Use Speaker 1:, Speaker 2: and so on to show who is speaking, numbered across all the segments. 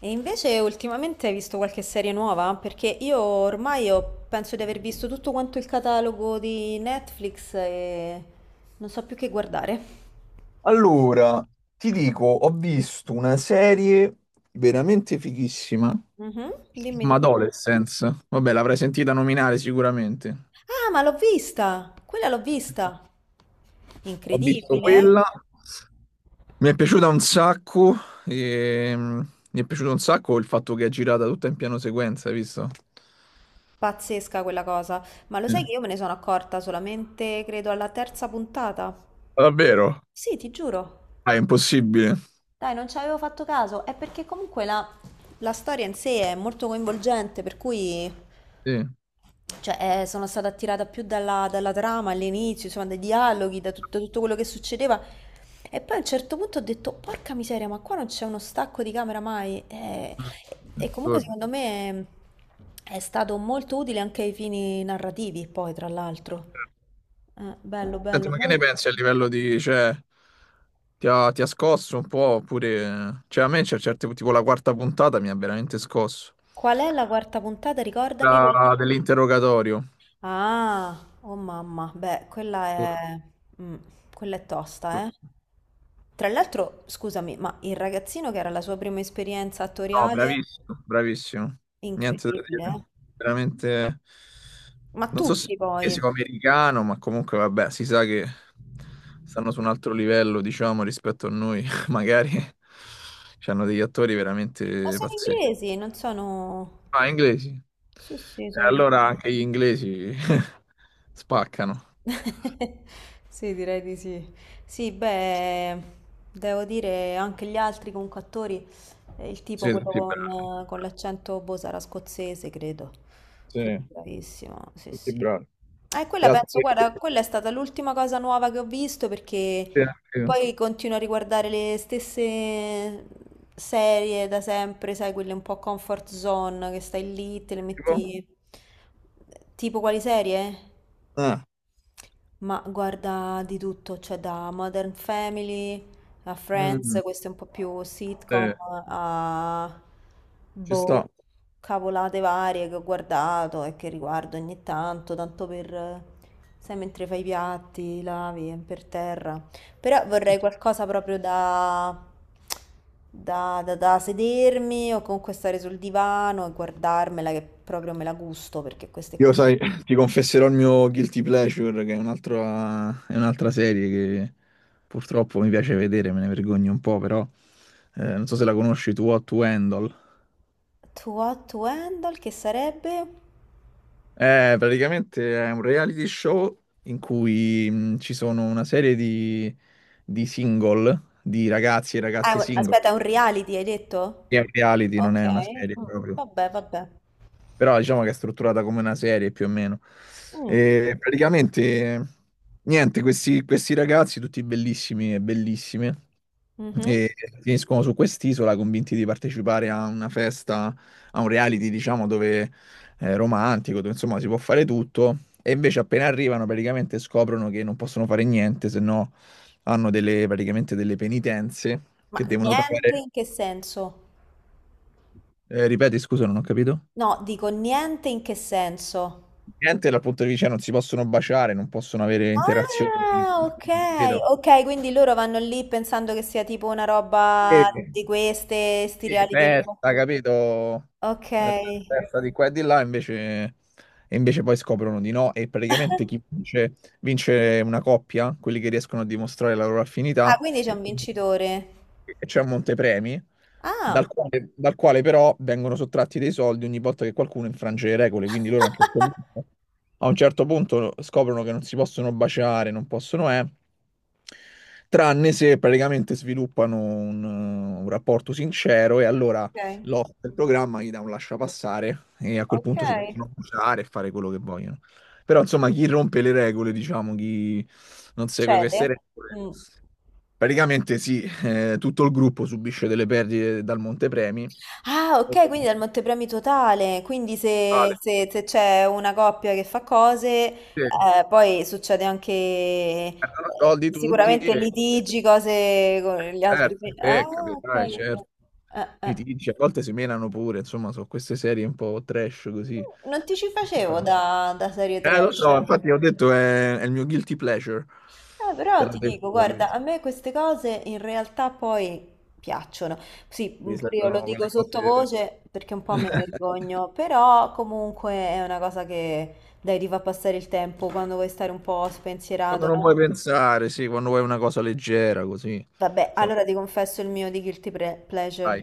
Speaker 1: E invece ultimamente hai visto qualche serie nuova? Perché io ormai penso di aver visto tutto quanto il catalogo di Netflix e non so più che guardare.
Speaker 2: Allora, ti dico, ho visto una serie veramente fighissima,
Speaker 1: Mhm, dimmi
Speaker 2: ma
Speaker 1: di più.
Speaker 2: Adolescence. Vabbè, l'avrai sentita nominare sicuramente.
Speaker 1: Ah, ma l'ho vista! Quella l'ho vista!
Speaker 2: Ho visto
Speaker 1: Incredibile, eh?
Speaker 2: quella, mi è piaciuta un sacco, e, mi è piaciuto un sacco il fatto che è girata tutta in piano sequenza, hai visto?
Speaker 1: Pazzesca quella cosa. Ma lo
Speaker 2: Sì.
Speaker 1: sai che io me ne sono accorta solamente, credo, alla terza puntata?
Speaker 2: Davvero?
Speaker 1: Sì, ti giuro.
Speaker 2: Ah, è impossibile.
Speaker 1: Dai, non ci avevo fatto caso. È perché comunque la storia in sé è molto coinvolgente, per cui...
Speaker 2: Sì.
Speaker 1: Cioè, sono stata attirata più dalla trama all'inizio, insomma, dai dialoghi, da tutto, tutto quello che succedeva. E poi a un certo punto ho detto, porca miseria, ma qua non c'è uno stacco di camera mai.
Speaker 2: Mm.
Speaker 1: Comunque
Speaker 2: Giuro.
Speaker 1: secondo me è stato molto utile anche ai fini narrativi, poi, tra l'altro. Bello,
Speaker 2: Senti,
Speaker 1: bello,
Speaker 2: ma che ne
Speaker 1: molto
Speaker 2: pensi a
Speaker 1: bello.
Speaker 2: livello di, cioè, ti ha scosso un po', oppure, cioè, a me c'è certe, tipo la quarta puntata mi ha veramente scosso.
Speaker 1: Qual è la quarta puntata? Ricordami.
Speaker 2: Dell'interrogatorio.
Speaker 1: Ah, oh mamma, beh, quella è... mm, quella è tosta, eh. Tra l'altro, scusami, ma il ragazzino che era la sua prima esperienza
Speaker 2: No,
Speaker 1: attoriale,
Speaker 2: bravissimo, bravissimo. Niente da
Speaker 1: incredibile, eh.
Speaker 2: dire. Veramente,
Speaker 1: Ma
Speaker 2: non so se
Speaker 1: tutti
Speaker 2: è
Speaker 1: poi. Ma
Speaker 2: americano, ma comunque, vabbè, si sa che stanno su un altro livello, diciamo, rispetto a noi, magari. C'hanno degli attori veramente
Speaker 1: sono
Speaker 2: pazzeschi.
Speaker 1: inglesi, non sono...
Speaker 2: Ah, inglesi.
Speaker 1: Sì, sì,
Speaker 2: E
Speaker 1: sono
Speaker 2: allora anche
Speaker 1: inglesi.
Speaker 2: gli inglesi spaccano.
Speaker 1: Sì, direi di sì. Sì, beh, devo dire anche gli altri comunque attori, il tipo
Speaker 2: Sì,
Speaker 1: quello
Speaker 2: tutti bravi.
Speaker 1: con l'accento boh sarà scozzese, credo.
Speaker 2: Sì,
Speaker 1: Quello è bravissimo, sì,
Speaker 2: tutti
Speaker 1: sì.
Speaker 2: bravi. E
Speaker 1: Quella
Speaker 2: altri,
Speaker 1: penso, guarda, quella è stata l'ultima cosa nuova che ho visto perché
Speaker 2: sì,
Speaker 1: poi continuo a riguardare le stesse serie da sempre, sai, quelle un po' comfort zone, che stai lì, te le
Speaker 2: tipo?
Speaker 1: metti... Tipo quali serie?
Speaker 2: Ah,
Speaker 1: Ma guarda di tutto, cioè da Modern Family a
Speaker 2: mm,
Speaker 1: Friends, questo è un po' più
Speaker 2: sì,
Speaker 1: sitcom, a
Speaker 2: ci
Speaker 1: boh,
Speaker 2: sto.
Speaker 1: cavolate varie che ho guardato e che riguardo ogni tanto, tanto per, sai, mentre fai i piatti, lavi, è per terra. Però
Speaker 2: Ci-
Speaker 1: vorrei qualcosa proprio da, da sedermi o comunque stare sul divano e guardarmela che proprio me la gusto perché queste
Speaker 2: Io,
Speaker 1: qui sono...
Speaker 2: sai, ti confesserò il mio Guilty Pleasure, che è un'altra serie che purtroppo mi piace vedere, me ne vergogno un po', però non so se la conosci tu, Hot to Handle.
Speaker 1: To What to Handle, che sarebbe?
Speaker 2: Praticamente è un reality show in cui ci sono una serie di single, di ragazzi e
Speaker 1: Ah, è
Speaker 2: ragazze
Speaker 1: un-
Speaker 2: single.
Speaker 1: aspetta, è un reality, hai
Speaker 2: Che È
Speaker 1: detto?
Speaker 2: un reality, non
Speaker 1: Ok,
Speaker 2: è una serie
Speaker 1: mm,
Speaker 2: proprio.
Speaker 1: vabbè, vabbè.
Speaker 2: Però diciamo che è strutturata come una serie più o meno.
Speaker 1: Mm,
Speaker 2: E praticamente, niente, questi ragazzi, tutti bellissimi e bellissime,
Speaker 1: mhm.
Speaker 2: e finiscono su quest'isola convinti di partecipare a una festa, a un reality, diciamo, dove è romantico, dove insomma si può fare tutto. E invece appena arrivano praticamente scoprono che non possono fare niente, se no hanno delle, praticamente delle penitenze
Speaker 1: Ma
Speaker 2: che devono
Speaker 1: niente
Speaker 2: pagare.
Speaker 1: in che senso?
Speaker 2: Ripeti, scusa, non ho capito.
Speaker 1: No, dico niente in che senso?
Speaker 2: Niente dal punto di vista non si possono baciare, non possono avere interazioni.
Speaker 1: Ah, ok,
Speaker 2: Capito?
Speaker 1: ok, quindi loro vanno lì pensando che sia tipo una roba
Speaker 2: Sì.
Speaker 1: di queste, sti
Speaker 2: Sì,
Speaker 1: reality un po'.
Speaker 2: festa, capito?
Speaker 1: Ok.
Speaker 2: Eh, Festa di qua e di là, invece, e invece poi scoprono di no. E praticamente chi vince, vince una coppia, quelli che riescono a dimostrare la loro
Speaker 1: Ah,
Speaker 2: affinità
Speaker 1: quindi c'è un vincitore.
Speaker 2: che c'è un montepremi,
Speaker 1: Ah.
Speaker 2: dal quale però vengono sottratti dei soldi ogni volta che qualcuno infrange le regole, quindi loro a un certo punto, a un certo punto scoprono che non si possono baciare, non possono, tranne se praticamente sviluppano un rapporto sincero e allora
Speaker 1: Ok,
Speaker 2: l'host del programma gli dà un lasciapassare e a quel
Speaker 1: ok.
Speaker 2: punto si possono baciare e fare quello che vogliono. Però insomma chi rompe le regole, diciamo, chi non segue
Speaker 1: Cede.
Speaker 2: queste regole.
Speaker 1: Mm.
Speaker 2: Praticamente sì, tutto il gruppo subisce delle perdite dal montepremi.
Speaker 1: Ah, ok, quindi dal montepremi totale. Quindi
Speaker 2: Vale.
Speaker 1: se c'è una coppia che fa cose,
Speaker 2: Sì,
Speaker 1: poi succede anche
Speaker 2: perdono soldi tutti
Speaker 1: sicuramente
Speaker 2: e
Speaker 1: litigi, cose con gli altri.
Speaker 2: certo,
Speaker 1: Ah,
Speaker 2: capitale,
Speaker 1: ok. Ok.
Speaker 2: certo.
Speaker 1: Eh.
Speaker 2: Litigi, a volte si menano pure, insomma, sono queste serie un po' trash così.
Speaker 1: Non ti ci facevo da serie
Speaker 2: Lo
Speaker 1: trash.
Speaker 2: so, infatti ho detto è il mio guilty pleasure, te
Speaker 1: Però
Speaker 2: l'ho
Speaker 1: ti dico,
Speaker 2: detto,
Speaker 1: guarda, a me queste cose in realtà poi piacciono. Sì,
Speaker 2: si
Speaker 1: pure io lo
Speaker 2: sentono
Speaker 1: dico
Speaker 2: quelle cose
Speaker 1: sottovoce perché un po' me ne vergogno, però comunque è una cosa che dai, ti fa passare il tempo quando vuoi stare un po'
Speaker 2: quando
Speaker 1: spensierato,
Speaker 2: non vuoi
Speaker 1: no?
Speaker 2: pensare, sì, quando vuoi una cosa leggera così.
Speaker 1: Vabbè,
Speaker 2: Sono.
Speaker 1: allora ti confesso il mio di pleasure.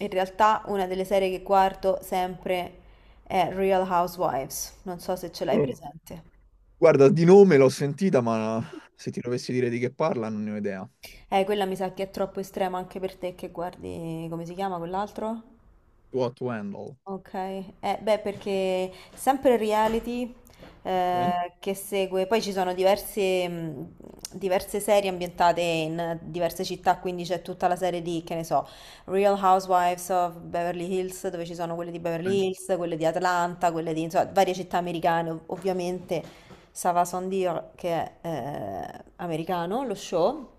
Speaker 1: In realtà una delle serie che guardo sempre è Real Housewives, non so se ce l'hai
Speaker 2: Dai.
Speaker 1: presente.
Speaker 2: Guarda, di nome l'ho sentita, ma se ti dovessi dire di che parla non ne ho idea.
Speaker 1: Quella mi sa che è troppo estrema anche per te che guardi, come si chiama quell'altro?
Speaker 2: What to Handle.
Speaker 1: Okay, eh beh perché sempre il reality,
Speaker 2: Ok.
Speaker 1: ehm, che segue poi ci sono diverse mhmm, diverse serie ambientate in diverse città, quindi c'è tutta la serie di, che ne so, Real Housewives of Beverly Hills, dove ci sono quelle di
Speaker 2: Ok.
Speaker 1: Beverly Hills, quelle di Atlanta, quelle di insomma varie città americane, ov ovviamente ça va sans dire che è, americano lo show.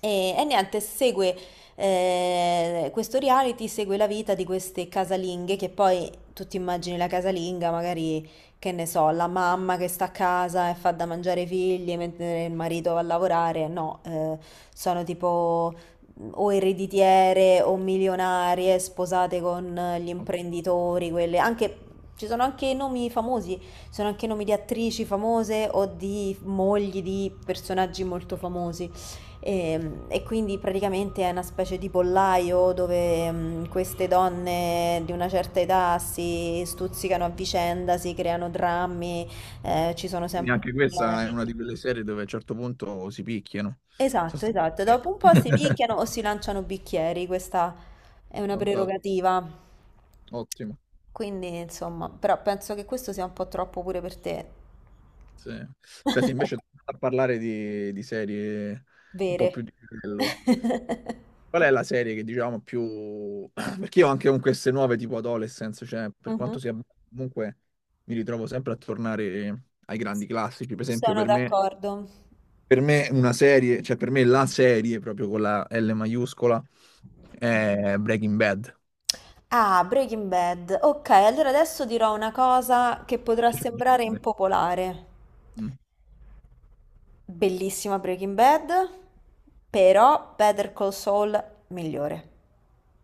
Speaker 1: E niente, segue questo reality segue la vita di queste casalinghe che poi tu ti immagini la casalinga, magari che ne so, la mamma che sta a casa e fa da mangiare i figli mentre il marito va a lavorare. No, sono tipo o ereditiere o milionarie sposate con gli imprenditori, quelle anche. Ci sono anche nomi famosi, ci sono anche nomi di attrici famose o di mogli di personaggi molto famosi. E quindi praticamente è una specie di pollaio dove, mhmm, queste donne di una certa età si stuzzicano a vicenda, si creano drammi, ci sono
Speaker 2: Quindi
Speaker 1: sempre
Speaker 2: anche questa è
Speaker 1: problemi.
Speaker 2: una di quelle serie dove a un certo punto si picchiano.
Speaker 1: Esatto, esatto. Dopo un po' si
Speaker 2: Sostanzialmente.
Speaker 1: picchiano o si lanciano bicchieri, questa è una
Speaker 2: Fantastico,
Speaker 1: prerogativa.
Speaker 2: ottimo.
Speaker 1: Quindi, insomma, però penso che questo sia un po' troppo pure per te.
Speaker 2: Sì. Senti, invece a parlare di, serie un po'
Speaker 1: Vere.
Speaker 2: più di livello. Qual è la serie che diciamo più. Perché io anche con queste nuove tipo Adolescence, cioè per
Speaker 1: Mh-mh.
Speaker 2: quanto sia. Comunque mi ritrovo sempre a tornare ai grandi classici.
Speaker 1: Sono d'accordo.
Speaker 2: Per me una serie, cioè per me la serie, proprio con la L maiuscola, è Breaking Bad.
Speaker 1: Ah, Breaking Bad. Ok, allora adesso dirò una cosa che potrà
Speaker 2: Cioè,
Speaker 1: sembrare impopolare.
Speaker 2: mm.
Speaker 1: Bellissima Breaking Bad, però Better Call Saul migliore.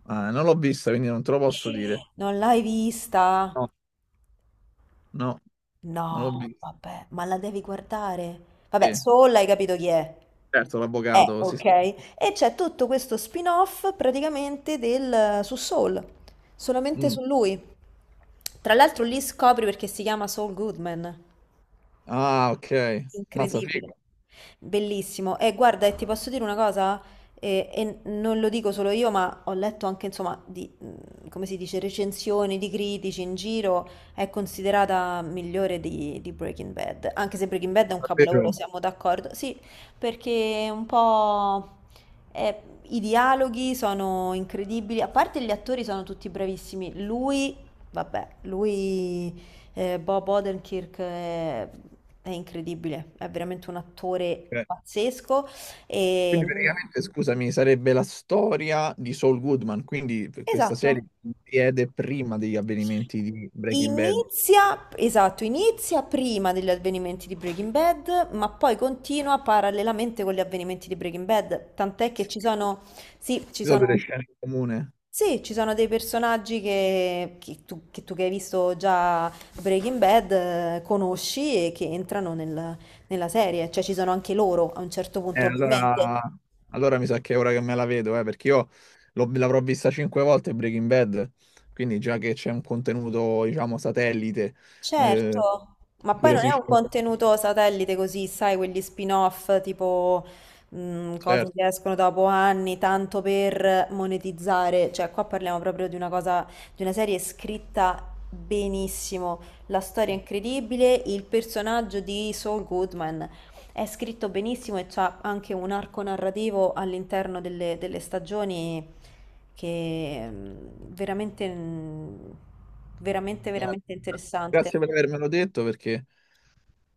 Speaker 2: Ah, non l'ho vista, quindi non te lo posso dire.
Speaker 1: Non l'hai
Speaker 2: No,
Speaker 1: vista?
Speaker 2: no, non l'ho
Speaker 1: No,
Speaker 2: vista.
Speaker 1: vabbè, ma la devi guardare. Vabbè,
Speaker 2: Sì.
Speaker 1: Saul hai capito chi è.
Speaker 2: Certo, l'avvocato, sì,
Speaker 1: Ok.
Speaker 2: sì.
Speaker 1: E c'è tutto questo spin-off praticamente del, su Saul, solamente
Speaker 2: Mm.
Speaker 1: su lui. Tra l'altro lì scopri perché si chiama Saul Goodman.
Speaker 2: Ah, ok. Mazza figo,
Speaker 1: Incredibile, bellissimo. E guarda, e ti posso dire una cosa? E non lo dico solo io, ma ho letto anche, insomma, di, come si dice, recensioni di critici in giro, è considerata migliore di Breaking Bad. Anche se Breaking Bad è
Speaker 2: ma
Speaker 1: un capolavoro,
Speaker 2: davvero.
Speaker 1: siamo d'accordo. Sì, perché un po' è- i dialoghi sono incredibili, a parte gli attori sono tutti bravissimi. Lui, vabbè, lui Bob Odenkirk è incredibile, è veramente un attore
Speaker 2: Ok.
Speaker 1: pazzesco.
Speaker 2: Quindi
Speaker 1: E...
Speaker 2: praticamente, scusami, sarebbe la storia di Saul Goodman, quindi questa
Speaker 1: Esatto.
Speaker 2: serie si vede prima degli avvenimenti di Breaking Bad.
Speaker 1: Inizia, esatto, inizia prima degli avvenimenti di Breaking Bad, ma poi continua parallelamente con gli avvenimenti di Breaking Bad, tant'è che ci
Speaker 2: Ci
Speaker 1: sono, sì, ci
Speaker 2: sono delle
Speaker 1: sono.
Speaker 2: scene in comune.
Speaker 1: Sì, ci sono dei personaggi che, che tu che hai visto già Breaking Bad conosci e che entrano nella serie, cioè ci sono anche loro a un certo
Speaker 2: Eh,
Speaker 1: punto, ovviamente.
Speaker 2: allora, allora mi sa che è ora che me la vedo, perché io l'avrò vista cinque volte Breaking Bad, quindi già che c'è un contenuto, diciamo, satellite, eh,
Speaker 1: Certo, ma poi
Speaker 2: pure
Speaker 1: non
Speaker 2: si.
Speaker 1: è un
Speaker 2: Certo.
Speaker 1: contenuto satellite così, sai, quegli spin-off tipo cose
Speaker 2: Certo.
Speaker 1: che escono dopo anni, tanto per monetizzare, cioè qua parliamo proprio di una cosa, di una serie scritta benissimo, la storia è incredibile, il personaggio di Saul Goodman è scritto benissimo e c'ha anche un arco narrativo all'interno delle stagioni che veramente, veramente,
Speaker 2: Eh,
Speaker 1: veramente interessante.
Speaker 2: grazie per avermelo detto, perché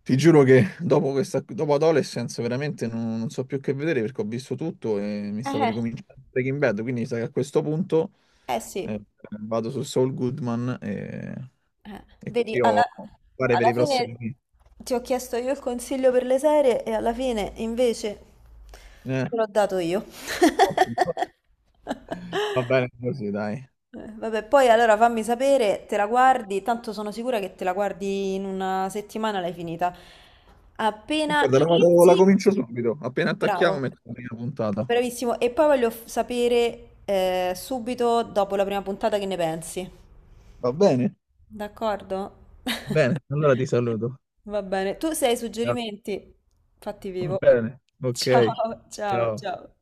Speaker 2: ti giuro che dopo questa, dopo Adolescence veramente non so più che vedere, perché ho visto tutto e mi stavo
Speaker 1: Eh,
Speaker 2: ricominciando Breaking Bad, quindi mi sa che a questo punto
Speaker 1: eh sì,
Speaker 2: eh, vado su Saul Goodman e,
Speaker 1: eh.
Speaker 2: e
Speaker 1: Vedi,
Speaker 2: così ho fare per
Speaker 1: alla
Speaker 2: i
Speaker 1: fine
Speaker 2: prossimi.
Speaker 1: ti ho chiesto io il consiglio per le serie e alla fine invece
Speaker 2: Eh,
Speaker 1: te l'ho dato io.
Speaker 2: ottimo. Va bene così, dai.
Speaker 1: Vabbè, poi allora fammi sapere, te la guardi, tanto sono sicura che te la guardi in una settimana l'hai finita.
Speaker 2: E
Speaker 1: Appena
Speaker 2: guarda, la
Speaker 1: inizi,
Speaker 2: comincio subito. Appena attacchiamo,
Speaker 1: bravo,
Speaker 2: metto la prima puntata.
Speaker 1: bravissimo. E poi voglio sapere subito dopo la prima puntata che ne pensi.
Speaker 2: Va bene?
Speaker 1: D'accordo?
Speaker 2: Bene, allora ti saluto.
Speaker 1: Va bene. Tu se hai
Speaker 2: Grazie.
Speaker 1: suggerimenti, fatti
Speaker 2: Va
Speaker 1: vivo.
Speaker 2: bene, ok.
Speaker 1: Ciao, ciao,
Speaker 2: Ciao.
Speaker 1: ciao.